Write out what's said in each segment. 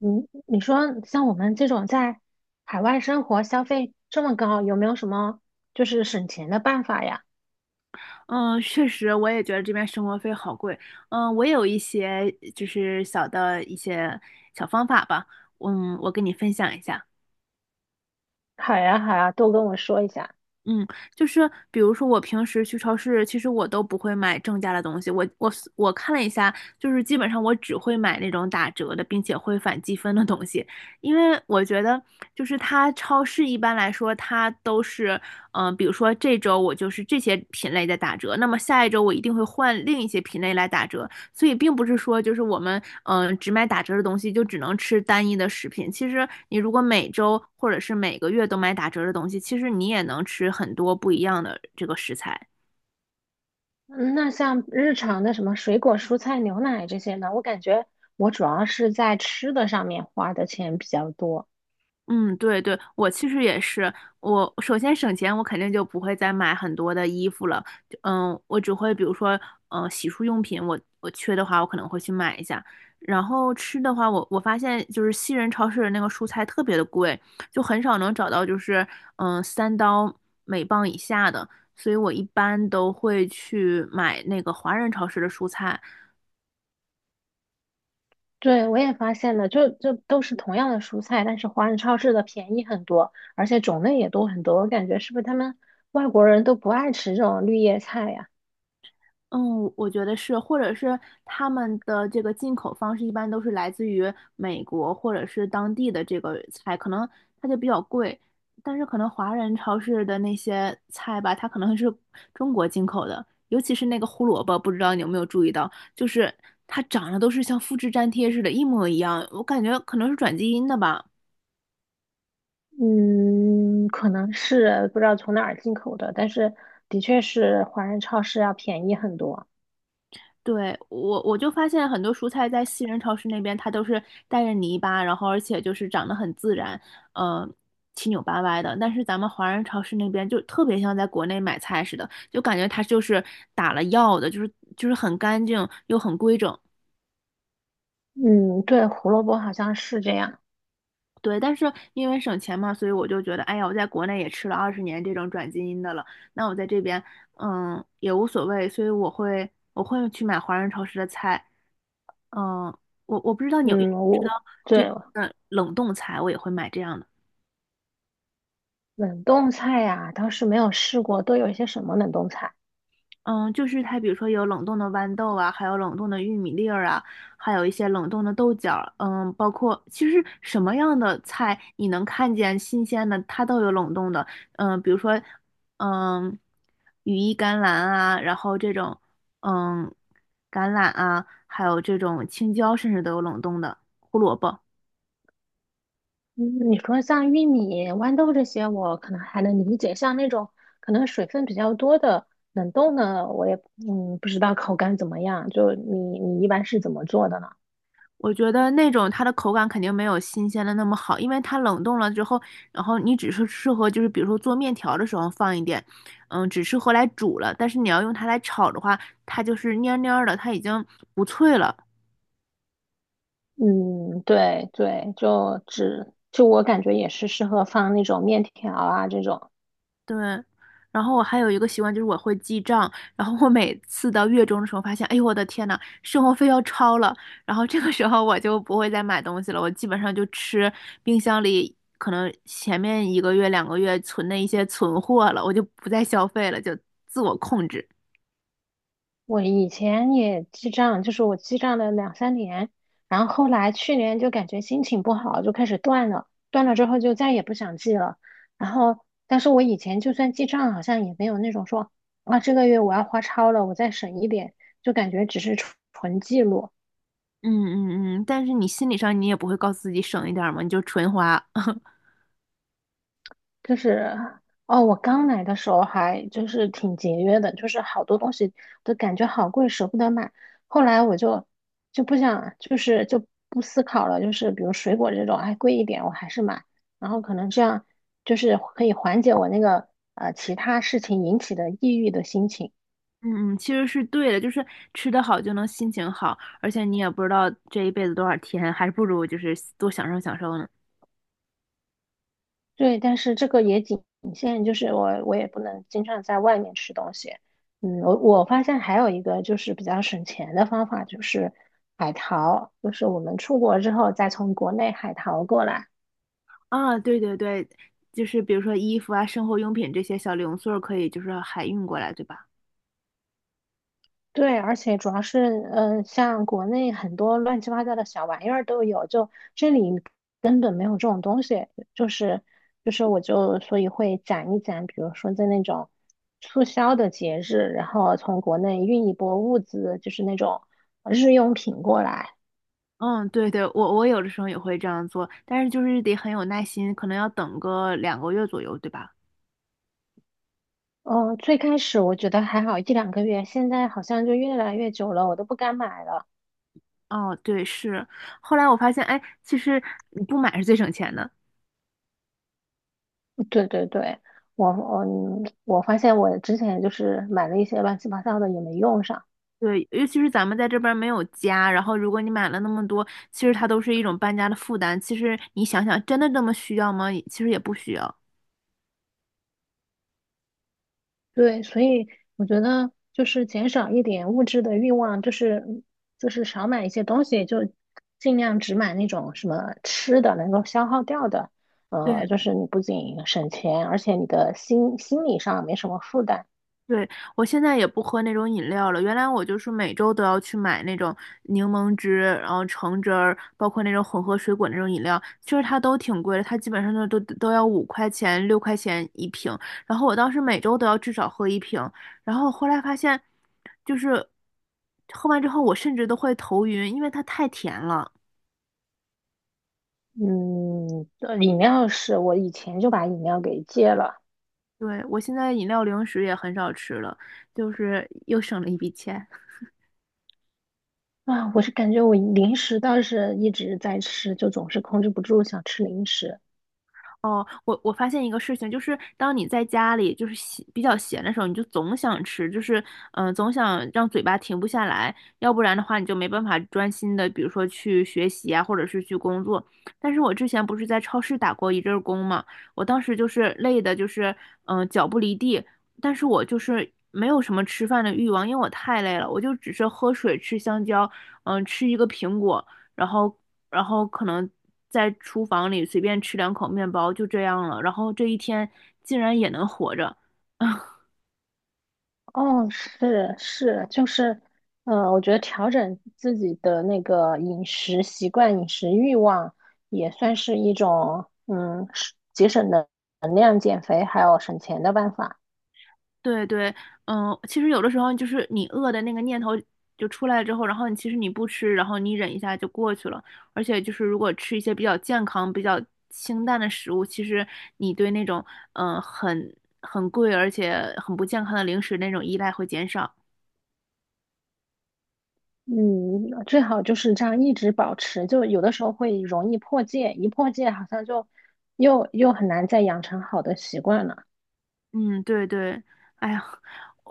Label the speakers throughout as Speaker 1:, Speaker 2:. Speaker 1: 嗯，你说像我们这种在海外生活消费这么高，有没有什么就是省钱的办法呀？
Speaker 2: 嗯，确实，我也觉得这边生活费好贵。我有一些就是小的一些小方法吧，我跟你分享一下。
Speaker 1: 好呀，好呀，都跟我说一下。
Speaker 2: 嗯，就是比如说我平时去超市，其实我都不会买正价的东西。我看了一下，就是基本上我只会买那种打折的，并且会返积分的东西，因为我觉得就是它超市一般来说它都是，比如说这周我就是这些品类在打折，那么下一周我一定会换另一些品类来打折。所以并不是说就是我们只买打折的东西就只能吃单一的食品。其实你如果每周或者是每个月都买打折的东西，其实你也能吃很多不一样的这个食材。
Speaker 1: 嗯那像日常的什么水果、蔬菜、牛奶这些呢？我感觉我主要是在吃的上面花的钱比较多。
Speaker 2: 嗯，对对，我其实也是，我首先省钱，我肯定就不会再买很多的衣服了，就我只会比如说，洗漱用品我缺的话，我可能会去买一下。然后吃的话，我发现就是西人超市的那个蔬菜特别的贵，就很少能找到就是3刀每磅以下的，所以我一般都会去买那个华人超市的蔬菜。
Speaker 1: 对，我也发现了，就都是同样的蔬菜，但是华人超市的便宜很多，而且种类也多很多。我感觉是不是他们外国人都不爱吃这种绿叶菜呀？
Speaker 2: 嗯，我觉得是，或者是他们的这个进口方式一般都是来自于美国或者是当地的这个菜，可能它就比较贵，但是可能华人超市的那些菜吧，它可能是中国进口的，尤其是那个胡萝卜，不知道你有没有注意到，就是它长得都是像复制粘贴似的，一模一样，我感觉可能是转基因的吧。
Speaker 1: 嗯，可能是不知道从哪儿进口的，但是的确是华人超市要便宜很多。
Speaker 2: 对，我就发现很多蔬菜在西人超市那边，它都是带着泥巴，然后而且就是长得很自然，嗯，七扭八歪的。但是咱们华人超市那边就特别像在国内买菜似的，就感觉它就是打了药的，就是很干净又很规整。
Speaker 1: 嗯，对，胡萝卜好像是这样。
Speaker 2: 对，但是因为省钱嘛，所以我就觉得，哎呀，我在国内也吃了20年这种转基因的了，那我在这边，也无所谓，所以我会去买华人超市的菜。嗯，我不知道你有
Speaker 1: 嗯，
Speaker 2: 知道
Speaker 1: 我
Speaker 2: 这
Speaker 1: 对
Speaker 2: 边的冷冻菜，我也会买这样的。
Speaker 1: 冷冻菜呀、倒是没有试过，都有一些什么冷冻菜？
Speaker 2: 嗯，就是它，比如说有冷冻的豌豆啊，还有冷冻的玉米粒儿啊，还有一些冷冻的豆角儿，包括其实什么样的菜你能看见新鲜的，它都有冷冻的。比如说，嗯，羽衣甘蓝啊，然后这种，嗯，橄榄啊，还有这种青椒，甚至都有冷冻的胡萝卜。
Speaker 1: 嗯，你说像玉米、豌豆这些，我可能还能理解，像那种可能水分比较多的冷冻的，我也不知道口感怎么样。就你一般是怎么做的呢？
Speaker 2: 我觉得那种它的口感肯定没有新鲜的那么好，因为它冷冻了之后，然后你只是适合就是比如说做面条的时候放一点，只适合来煮了。但是你要用它来炒的话，它就是蔫蔫儿的，它已经不脆了。
Speaker 1: 嗯，对对，就只就我感觉也是适合放那种面条啊这种。
Speaker 2: 对，然后我还有一个习惯就是我会记账，然后我每次到月中的时候发现，哎呦我的天呐，生活费要超了，然后这个时候我就不会再买东西了，我基本上就吃冰箱里可能前面一个月两个月存的一些存货了，我就不再消费了，就自我控制。
Speaker 1: 我以前也记账，就是我记账了两三年，然后后来去年就感觉心情不好，就开始断了，断了之后就再也不想记了。然后，但是我以前就算记账，好像也没有那种说啊这个月我要花超了，我再省一点，就感觉只是纯纯记录。
Speaker 2: 嗯嗯嗯，但是你心理上你也不会告诉自己省一点儿嘛，你就纯花。
Speaker 1: 就是哦，我刚来的时候还就是挺节约的，就是好多东西都感觉好贵，舍不得买。后来我就不想，就是就不思考了，就是比如水果这种，哎，贵一点我还是买。然后可能这样就是可以缓解我那个其他事情引起的抑郁的心情。
Speaker 2: 嗯嗯，其实是对的，就是吃得好就能心情好，而且你也不知道这一辈子多少天，还不如就是多享受享受呢。
Speaker 1: 对，但是这个也仅限，就是我也不能经常在外面吃东西。嗯，我发现还有一个就是比较省钱的方法，就是海淘，就是我们出国之后再从国内海淘过来。
Speaker 2: 啊，对对对，就是比如说衣服啊、生活用品这些小零碎儿可以就是海运过来，对吧？
Speaker 1: 对，而且主要是，像国内很多乱七八糟的小玩意儿都有，就这里根本没有这种东西，就是就是，我就所以会攒一攒，比如说在那种促销的节日，然后从国内运一波物资，就是那种日用品过来。
Speaker 2: 嗯，对对，我有的时候也会这样做，但是就是得很有耐心，可能要等个两个月左右，对吧？
Speaker 1: 嗯，最开始我觉得还好一两个月，现在好像就越来越久了，我都不敢买了。
Speaker 2: 哦，对，是。后来我发现，哎，其实你不买是最省钱的。
Speaker 1: 对对对，我我我发现我之前就是买了一些乱七八糟的也没用上。
Speaker 2: 对，尤其是咱们在这边儿没有家，然后如果你买了那么多，其实它都是一种搬家的负担。其实你想想，真的这么需要吗？其实也不需要。
Speaker 1: 对，所以我觉得就是减少一点物质的欲望，就是少买一些东西，就尽量只买那种什么吃的能够消耗掉的。就
Speaker 2: 对。
Speaker 1: 是你不仅省钱，而且你的心理上没什么负担。
Speaker 2: 对，我现在也不喝那种饮料了。原来我就是每周都要去买那种柠檬汁，然后橙汁儿，包括那种混合水果那种饮料，其实它都挺贵的，它基本上都要5块钱、6块钱一瓶。然后我当时每周都要至少喝一瓶，然后后来发现，就是喝完之后我甚至都会头晕，因为它太甜了。
Speaker 1: 嗯，饮料是我以前就把饮料给戒了
Speaker 2: 对，我现在饮料零食也很少吃了，就是又省了一笔钱。
Speaker 1: 啊，我是感觉我零食倒是一直在吃，就总是控制不住想吃零食。
Speaker 2: 哦，我发现一个事情，就是当你在家里就是闲比较闲的时候，你就总想吃，就是总想让嘴巴停不下来，要不然的话你就没办法专心的，比如说去学习啊，或者是去工作。但是我之前不是在超市打过一阵儿工嘛，我当时就是累的，就是脚不离地，但是我就是没有什么吃饭的欲望，因为我太累了，我就只是喝水、吃香蕉，吃一个苹果。然后然后可能在厨房里随便吃两口面包，就这样了。然后这一天竟然也能活着，
Speaker 1: 哦，是是，就是，我觉得调整自己的那个饮食习惯、饮食欲望，也算是一种，是节省能量、减肥还有省钱的办法。
Speaker 2: 对对，其实有的时候就是你饿的那个念头就出来之后，然后你其实你不吃，然后你忍一下就过去了。而且就是如果吃一些比较健康、比较清淡的食物，其实你对那种嗯、呃很很贵而且很不健康的零食那种依赖会减少。
Speaker 1: 嗯，最好就是这样一直保持，就有的时候会容易破戒，一破戒好像就又很难再养成好的习惯了。
Speaker 2: 嗯，对对，哎呀，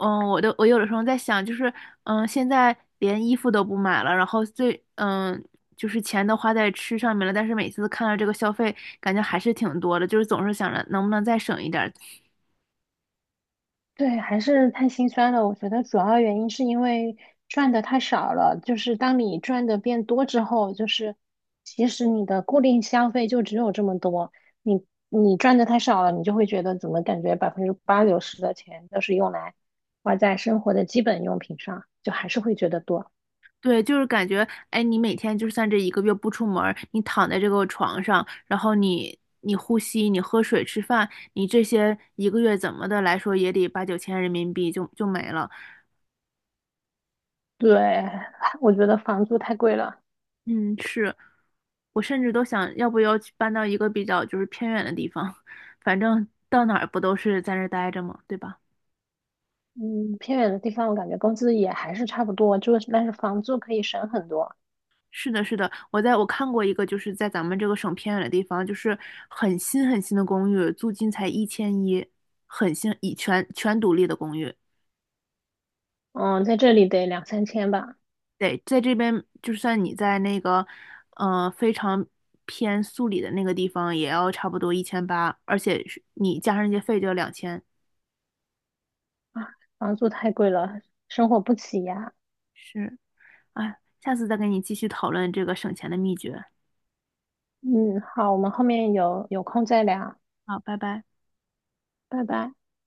Speaker 2: 我有的时候在想，就是现在连衣服都不买了，然后就是钱都花在吃上面了，但是每次看到这个消费，感觉还是挺多的，就是总是想着能不能再省一点儿。
Speaker 1: 对，还是太心酸了。我觉得主要原因是因为赚的太少了，就是当你赚的变多之后，就是其实你的固定消费就只有这么多，你赚的太少了，你就会觉得怎么感觉百分之八九十的钱都是用来花在生活的基本用品上，就还是会觉得多。
Speaker 2: 对，就是感觉，哎，你每天就算这一个月不出门儿，你躺在这个床上，然后你呼吸，你喝水、吃饭，你这些一个月怎么的来说也得八九千人民币就没了。
Speaker 1: 对，我觉得房租太贵了。
Speaker 2: 嗯，是，我甚至都想要不要去搬到一个比较就是偏远的地方，反正到哪儿不都是在那儿待着嘛，对吧？
Speaker 1: 嗯，偏远的地方我感觉工资也还是差不多，就是但是房租可以省很多。
Speaker 2: 是的，是的，我看过一个就是在咱们这个省偏远的地方，就是很新很新的公寓，租金才1100，很新，以全独立的公寓。
Speaker 1: 嗯，在这里得两三千吧。
Speaker 2: 对，在这边就算你在那个非常偏素里的那个地方，也要差不多1800，而且是你加上一些费就要2000。
Speaker 1: 啊，房租太贵了，生活不起呀。
Speaker 2: 是，哎，下次再跟你继续讨论这个省钱的秘诀。
Speaker 1: 嗯，好，我们后面有空再聊，
Speaker 2: 好，拜拜。
Speaker 1: 拜拜。